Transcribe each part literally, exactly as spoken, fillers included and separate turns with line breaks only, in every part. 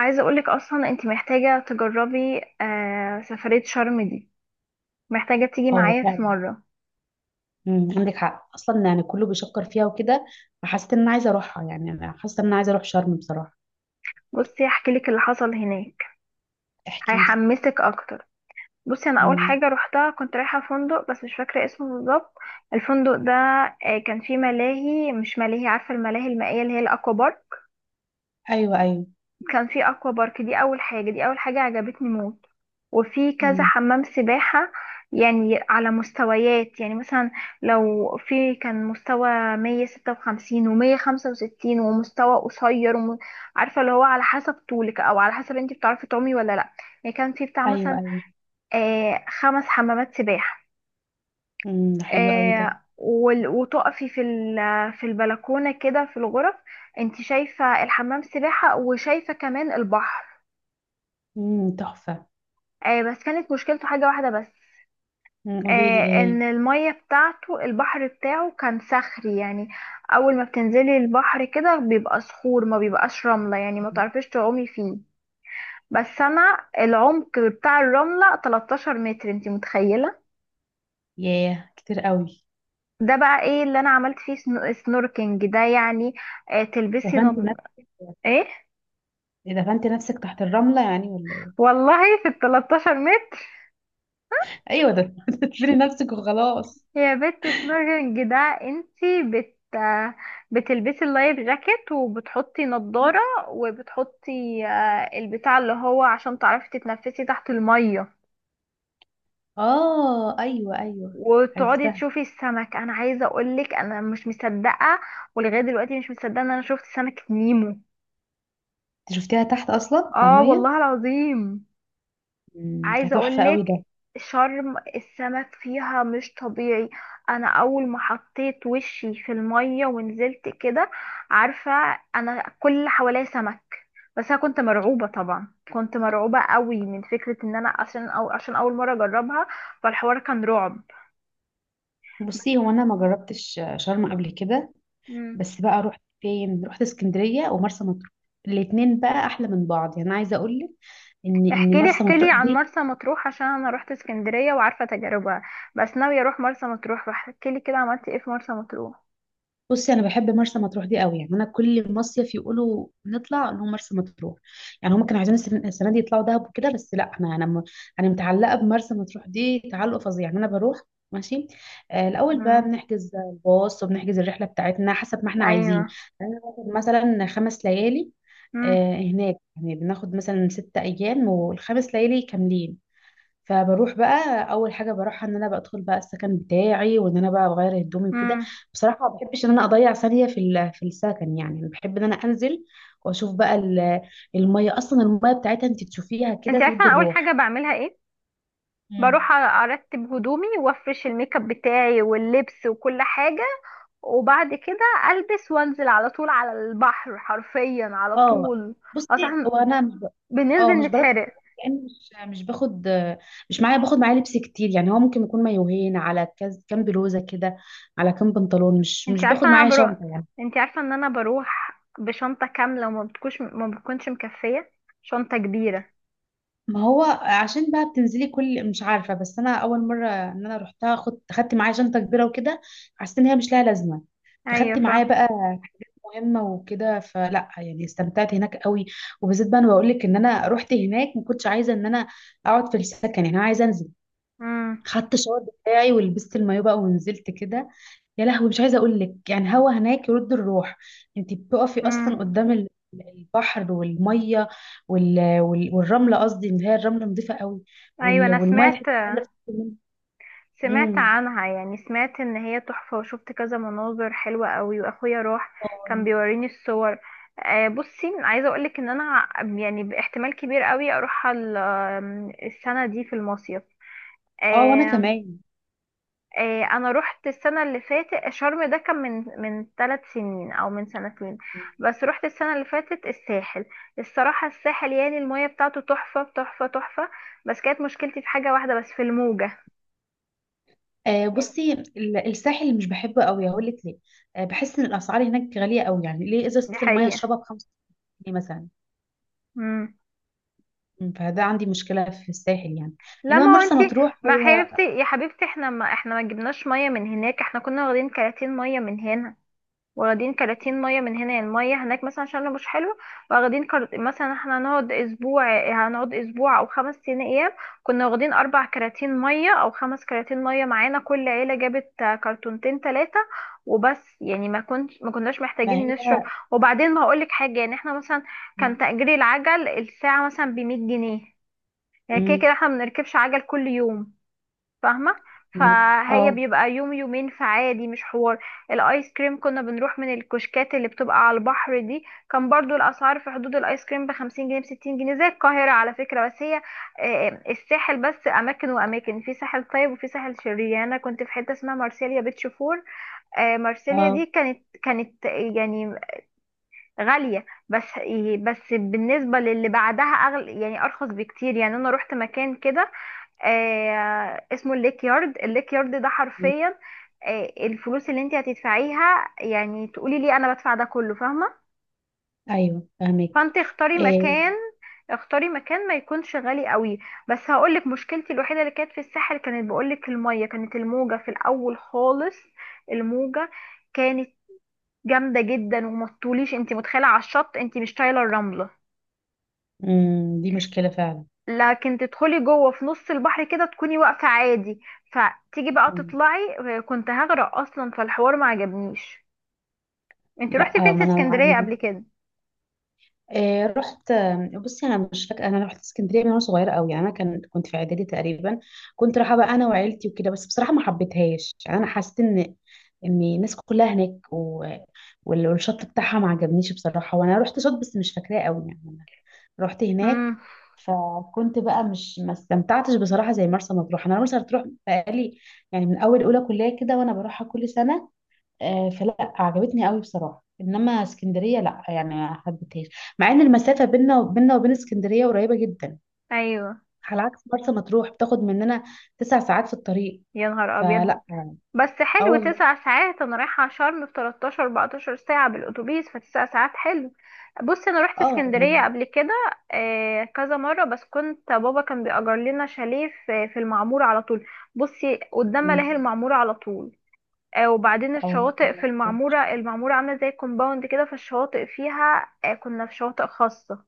عايزة اقولك اصلا انت محتاجة تجربي آه سفرية شرم دي. محتاجة تيجي
اه
معايا في
فعلا.
مرة.
مم، عندك حق اصلا، يعني كله بيشكر فيها وكده، فحسيت ان انا عايزه اروحها، يعني انا حاسه ان انا عايزه اروح شرم بصراحه.
بصي، هحكيلك اللي حصل هناك،
احكي لي.
هيحمسك اكتر. بصي، انا اول
مم.
حاجة روحتها كنت رايحة فندق بس مش فاكرة اسمه بالظبط. الفندق ده آه كان فيه ملاهي، مش ملاهي، عارفة الملاهي المائية اللي هي الاكوا بارك.
ايوه ايوه.
كان فيه اكوا بارك، دي اول حاجة دي اول حاجة عجبتني موت. وفي كذا
مم.
حمام سباحة، يعني على مستويات، يعني مثلا لو في كان مستوى مية ستة وخمسين ومية خمسة وستين ومستوى قصير وم... عارفة اللي هو على حسب طولك أو على حسب انتي بتعرفي تعومي ولا لأ. يعني كان في بتاع
ايوه
مثلا
ايوه.
آه خمس حمامات سباحة.
مم. ده حلو قوي ده.
آه وال- وتقفي في ال- في البلكونة كده في الغرف، انتي شايفة الحمام سباحة وشايفة كمان البحر.
مم. تحفه.
آه بس كانت مشكلته حاجة واحدة بس،
مم. قولي لي
آه،
ايه.
ان المية بتاعته، البحر بتاعه كان صخري يعني. اول ما بتنزلي البحر كده بيبقى صخور، ما بيبقاش رملة، يعني ما
مم.
تعرفيش تعومي فيه. بس انا العمق بتاع الرملة 13 متر، انتي متخيلة؟
ياه كتير قوي.
ده بقى ايه اللي انا عملت فيه، سنو- سنوركينج ده يعني. آه، تلبسي
دفنت
نض...
نفسك.
ايه
دفنت نفسك تحت الرمله يعني ولا ايه؟
والله في ال 13 متر.
ايوه ده دفني نفسك وخلاص.
هي بت سميرنج ده. انتي بت، بتلبسي اللايف جاكيت وبتحطي نضارة، وبتحطي آه، البتاع اللي هو عشان تعرفي تتنفسي تحت المية،
اه ايوه ايوه.
وتقعدي
عرفتها.
تشوفي السمك. انا عايزة اقولك انا مش مصدقة، ولغاية دلوقتي مش مصدقة ان انا شفت سمكة نيمو.
انت شفتيها تحت اصلا في
اه،
الميه؟
والله العظيم.
مم. ده
عايزه
تحفه
اقول لك،
قوي ده.
شرم السمك فيها مش طبيعي. انا اول ما حطيت وشي في الميه ونزلت كده، عارفه، انا كل اللي حواليا سمك. بس انا كنت مرعوبه، طبعا كنت مرعوبه قوي من فكره ان انا عشان أو عشان اول مره اجربها، فالحوار كان رعب.
بصي، هو انا ما جربتش شرم قبل كده،
مم.
بس بقى رحت فين؟ رحت اسكندريه ومرسى مطروح. الاتنين بقى احلى من بعض، يعني انا عايزه اقول لك ان ان
احكي لي،
مرسى
احكي لي
مطروح
عن
دي.
مرسى مطروح عشان انا روحت اسكندريه وعارفه تجاربها، بس ناويه اروح مرسى مطروح، فاحكي لي كده عملتي ايه في مرسى مطروح.
بصي انا بحب مرسى مطروح دي قوي، يعني انا كل مصيف يقولوا نطلع نقول مرسى مطروح. يعني هم كانوا عايزين السن- السنه دي يطلعوا دهب وكده، بس لا انا انا م- انا متعلقه بمرسى مطروح دي تعلق فظيع، يعني انا بروح. ماشي. آه الاول بقى
امم.
بنحجز الباص وبنحجز الرحله بتاعتنا حسب ما احنا عايزين.
ايوه.
يعني انا باخد مثلا خمس ليالي آه هناك، يعني بناخد مثلا ست ايام والخمس ليالي كاملين. فبروح بقى اول حاجه بروحها ان انا بدخل بقى السكن بتاعي وان انا بقى بغير هدومي وكده.
امم.
بصراحه ما بحبش ان انا اضيع ثانيه في ال- في السكن، يعني أنا بحب ان انا انزل واشوف بقى ال- الميه. اصلا الميه بتاعتها انت تشوفيها كده
انت عارفه
تود
أنا اول حاجه
الروح.
بعملها ايه؟ بروح
مم.
أ- ارتب هدومي وافرش الميك اب بتاعي واللبس وكل حاجه، وبعد كده البس وانزل على طول على البحر، حرفيا على
اه.
طول.
بصي
اصلا
وانا مش ب...
بننزل
اه مش برد،
نتحرق.
يعني مش مش باخد، مش معايا باخد معايا لبس كتير. يعني هو ممكن يكون مايوهين على كز... كام بلوزه كده، على كام بنطلون. مش
انت
مش
عارفه
باخد
انا
معايا
بروح،
شنطه يعني.
انت عارفه ان انا بروح بشنطه كامله وما بتكونش ما بتكونش مكفيه، شنطه كبيره.
ما هو عشان بقى بتنزلي كل، مش عارفه، بس انا اول مره ان انا رحتها خدت خدت معايا شنطه كبيره وكده. حسيت ان هي مش لها لازمه.
ايوه،
فخدت
ف...
معايا بقى مهمه وكده. فلا يعني استمتعت هناك قوي. وبالذات بقى انا بقول لك ان انا رحت هناك ما كنتش عايزه ان انا اقعد في السكن، يعني انا عايزه انزل.
امم.
خدت الشاور بتاعي ولبست المايو بقى ونزلت كده. يا لهوي، مش عايزه اقول لك، يعني هوا هناك يرد الروح. انت بتقفي اصلا
امم.
قدام ال- البحر والميه، وال... وال... والرمله قصدي، اللي هي الرمله نظيفه قوي،
ايوه،
وال...
انا
والميه تحسي
سمعت،
إنها عايزه تشربي منها.
سمعت
امم.
عنها، يعني سمعت ان هي تحفة، وشفت كذا مناظر حلوة قوي، واخويا راح
اه.
كان بيوريني الصور. آه، بصي عايزة اقولك ان انا ع- يعني باحتمال كبير قوي اروح ال- آم، السنة دي في المصيف.
آه، وانا
آه،
كمان.
آه، انا رحت السنة اللي فاتت شرم، ده كان من من ثلاث سنين او من سنتين، بس رحت السنة اللي فاتت الساحل. الصراحة الساحل، يعني المية بتاعته تحفة تحفة تحفة، بس كانت مشكلتي في حاجة واحدة بس، في الموجة.
آه
يعني
بصي ال- الساحل مش بحبه قوي، هقول لك ليه. آه بحس ان الاسعار هناك غاليه قوي، يعني ليه ازازه
دي
الميه
حقيقة.
اشربها بخمسة جنيه مثلا؟ مم، فده عندي مشكله في الساحل يعني.
لا
انما
ما هو
مرسى
انتي،
مطروح
ما
هو.
حبيبتي، يا حبيبتي، احنا ما احنا ما جبناش ميه من هناك، احنا كنا واخدين كراتين ميه من هنا. واخدين كراتين ميه من هنا، يعني الميه هناك مثلا عشان لو مش حلو. واخدين كرت... مثلا احنا هنقعد اسبوع، هنقعد اسبوع او خمس سنين ايام، كنا واخدين اربع كراتين ميه او خمس كراتين ميه معانا، كل عيله جابت كرتونتين ثلاثه وبس، يعني ما كنت ما كناش
ما
محتاجين
هي.
نشرب. وبعدين ما هقولك حاجه، يعني احنا مثلا كان
مم.
تأجير العجل الساعه مثلا ب مية جنيه، يعني كده
مم.
كده احنا بنركبش عجل كل يوم، فاهمة؟ فهي
اه.
بيبقى يوم يومين فعادي، مش حوار. الايس كريم كنا بنروح من الكشكات اللي بتبقى على البحر دي، كان برضو الاسعار في حدود، الايس كريم بخمسين جنيه، بستين جنيه، زي القاهرة على فكرة. بس هي آه، آه، الساحل بس اماكن واماكن، في ساحل طيب وفي ساحل شرير، يعني انا كنت في حتة اسمها مارسيليا بيتش فور. آه، مارسيليا
اه
دي كانت كانت يعني غالية، بس بس بالنسبة للي بعدها اغلى، يعني ارخص بكتير. يعني انا روحت مكان كده آه اسمه الليك يارد، الليك يارد ده حرفيا آه الفلوس اللي انت هتدفعيها يعني تقولي لي انا بدفع ده كله، فاهمه؟
ايوه فاهمك.
فانت اختاري
إيه.
مكان، اختاري مكان ما يكونش غالي قوي. بس هقولك مشكلتي الوحيده اللي كانت في الساحل، كانت بقولك الميه كانت الموجه في الاول خالص. الموجه كانت جامده جدا، وما تطوليش، انت متخيله، على الشط انت مش طايله الرمله.
أمم. دي مشكله فعلا.
لكن تدخلي جوه في نص البحر كده تكوني واقفة عادي. فتيجي بقى
أمم.
تطلعي، آه، كنت هغرق اصلا، فالحوار ما عجبنيش. انت روحتي
لا. آه،
فين في
ما انا ما
اسكندرية قبل
أنا-
كده؟
إيه. رحت. آه، بصي انا مش فاكره. انا رحت اسكندريه من وانا صغيره قوي، يعني انا كان كنت في اعدادي تقريبا. كنت رايحه بقى انا وعيلتي وكده، بس بصراحه ما حبيتهاش. يعني انا حسيت ان ان الناس كلها هناك و... وال- والشط بتاعها ما عجبنيش بصراحه، وانا رحت شط بس مش فاكراه قوي يعني. رحت هناك،
امم.
فكنت بقى مش ما استمتعتش بصراحه زي مرسى مطروح. انا مرسى مطروح بقالي، يعني من اول اولى كليه كده وانا بروحها كل سنه. آه، فلا عجبتني قوي بصراحه، انما اسكندريه لا، يعني ما حبيتهاش. مع ان المسافه بيننا بيننا وبين اسكندريه قريبه جدا،
ايوه.
على عكس مرسى مطروح بتاخد مننا تسع ساعات في الطريق.
يا نهار ابيض.
فلا.
بس
اه
حلو،
والله.
تسع ساعات. انا رايحة شرم في تلتاشر 14 ساعة بالاتوبيس، فتسع ساعات حلو. بصي، انا روحت
اه
اسكندرية
يعني.
قبل كده آه، كذا مرة، بس كنت بابا كان بيأجر لنا شاليه في في المعمورة على طول. بصي قدام ملاهي المعمورة على طول. آه، وبعدين
اه
الشواطئ
لا.
في المعمورة، المعمورة عاملة زي كومباوند كده، فالشواطئ فيها آه، كنا في شواطئ خاصة،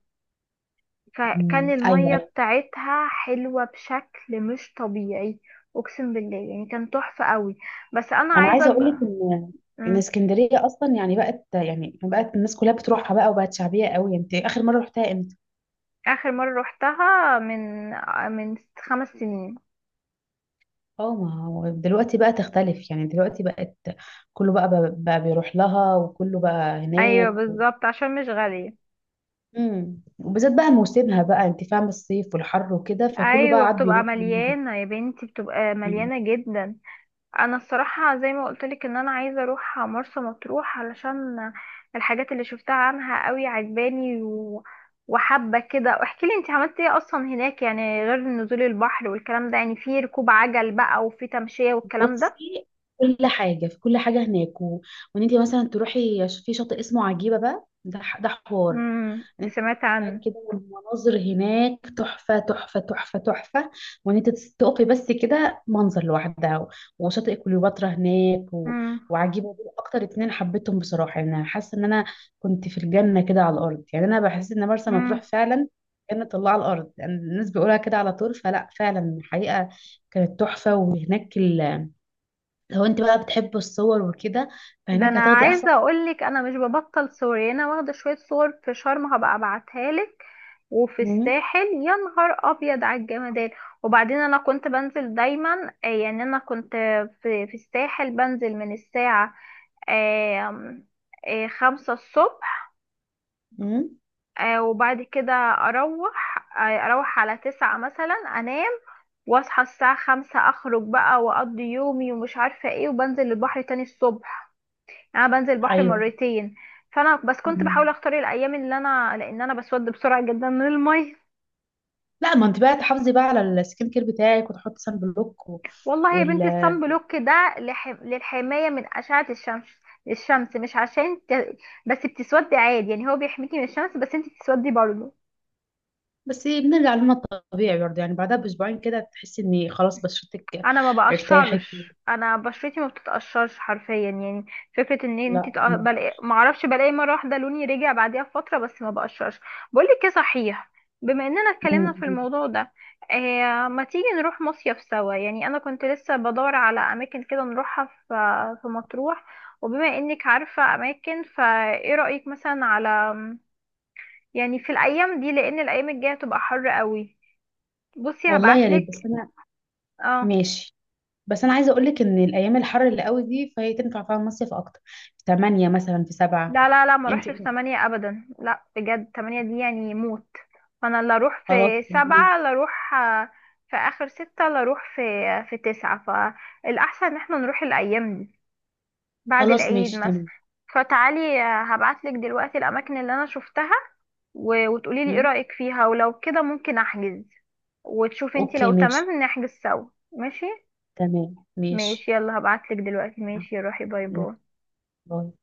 فكان
أمم.
المية
ايوه.
بتاعتها حلوة بشكل مش طبيعي. اقسم بالله، يعني كان تحفة قوي. بس انا
انا
عايزة
عايزه اقول لك
أج-
ان ان
مم.
اسكندريه اصلا يعني بقت، يعني بقت الناس كلها بتروحها بقى وبقت شعبيه قوي. انت اخر مره رحتها امتى؟
اخر مرة روحتها من آه، من خمس سنين.
اه ما هو دلوقتي بقى تختلف، يعني دلوقتي بقت كله بقى، بقى بيروح لها وكله بقى
ايوه
هناك و...
بالظبط، عشان مش غالية.
مم. وبالذات بقى موسمها بقى، انت فاهمه الصيف والحر وكده، فكله بقى
ايوه
عاد
بتبقى
بيروح هناك.
مليانة يا بنتي، بتبقى
مم.
مليانة جدا. انا الصراحه زي ما قلت لك ان انا عايزه اروح مرسى مطروح علشان الحاجات اللي شفتها عنها قوي عجباني، و... وحابه كده. واحكي لي انت عملتي ايه اصلا هناك، يعني غير نزول البحر والكلام ده، يعني في ركوب عجل بقى وفي تمشيه والكلام ده.
بصي كل حاجه، في كل حاجه هناك و... وان انت مثلا تروحي ش- في شاطئ اسمه عجيبه بقى ده ح- ده حوار.
امم،
انت
سمعت
هناك
عنه.
كده، والمناظر هناك تحفة تحفة تحفة تحفة. وان انت تس- تقفي بس كده، منظر لوحدها. و- وشاطئ كليوباترا هناك و... وعجيبة دول اكتر اتنين حبيتهم بصراحة. يعني انا حاسة ان انا كنت في الجنة كده على الارض، يعني انا بحس ان مرسى
امم.
مطروح فعلا كانت الله على الارض، يعني الناس بيقولها كده على طول، فلا فعلا الحقيقة كانت تحفة. وهناك ال... لو انت بقى بتحب الصور وكده
ده
فهناك
انا
هتاخدي احسن.
عايزه اقولك انا مش ببطل سوري، انا واخده شويه صور في شرم هبقى ابعتها لك، وفي
مم.
الساحل، يا نهار ابيض على الجمدان. وبعدين انا كنت بنزل دايما، آه، يعني انا كنت في في الساحل بنزل من الساعه آم، آه، خمسة الصبح،
مم.
آه، وبعد كده اروح، آه، اروح على تسعة مثلا انام، واصحى الساعة خمسة، اخرج بقى واقضي يومي ومش عارفة ايه، وبنزل البحر تاني الصبح. انا بنزل البحر
ايوه.
مرتين. فانا بس كنت بحاول
مم.
اختار الايام اللي انا لان انا بسود بسرعه جدا من الميه.
لا ما انت بقى تحافظي بقى على السكين كير بتاعك وتحطي سان بلوك. و...
والله يا
وال
بنتي الصن بلوك ده لح... للحمايه من اشعه الشمس، الشمس مش عشان ت... بس بتسودي عادي، يعني هو بيحميكي من الشمس بس انت بتسودي برضه.
بس بنرجع لنا الطبيعي برضه، يعني بعدها باسبوعين كده تحسي ان خلاص بشرتك
انا ما
ارتاحت.
بقشرش، انا بشرتي ما بتتقشرش حرفيا يعني. فكره ان انت
لا.
تق- بلاقي، ما اعرفش، بلاقي مره واحده لوني رجع بعديها بفتره، بس ما بقشرش. بقول لك ايه صحيح، بما اننا اتكلمنا
أمم.
في الموضوع ده، آه ما تيجي نروح مصيف سوا، يعني انا كنت لسه بدور على اماكن كده نروحها في، في مطروح. وبما انك عارفه اماكن، فايه رايك مثلا على، يعني في الايام دي، لان الايام الجايه تبقى حر قوي. بصي
والله يا ريت. بس
هبعتلك.
انا
اه،
ماشي. بس انا عايزه اقول لك ان الايام الحر اللي قوي دي فهي تنفع فيها المصيف اكتر في ثمانية مثلا في سبعة.
لا لا لا ما
انت.
اروحش في تمانية ابدا، لا بجد تمانية دي يعني موت. فانا لا اروح
خلاص
في
خلينا-
سبعة، لا اروح آه، في اخر ستة، لا اروح في آه، في تسعة. فالاحسن ان احنا نروح الايام دي بعد
خلاص
العيد
ماشي
مثلا،
تمام.
فتعالي آه، هبعتلك دلوقتي الاماكن اللي انا شفتها، و- وتقولي لي ايه
أمم.
رايك فيها، ولو كده ممكن احجز وتشوفي انتي
اوكي
لو
ماشي.
تمام نحجز سوا. ماشي،
تمام ماشي.
ماشي، يلا هبعتلك دلوقتي. ماشي روحي، باي باي.
باي.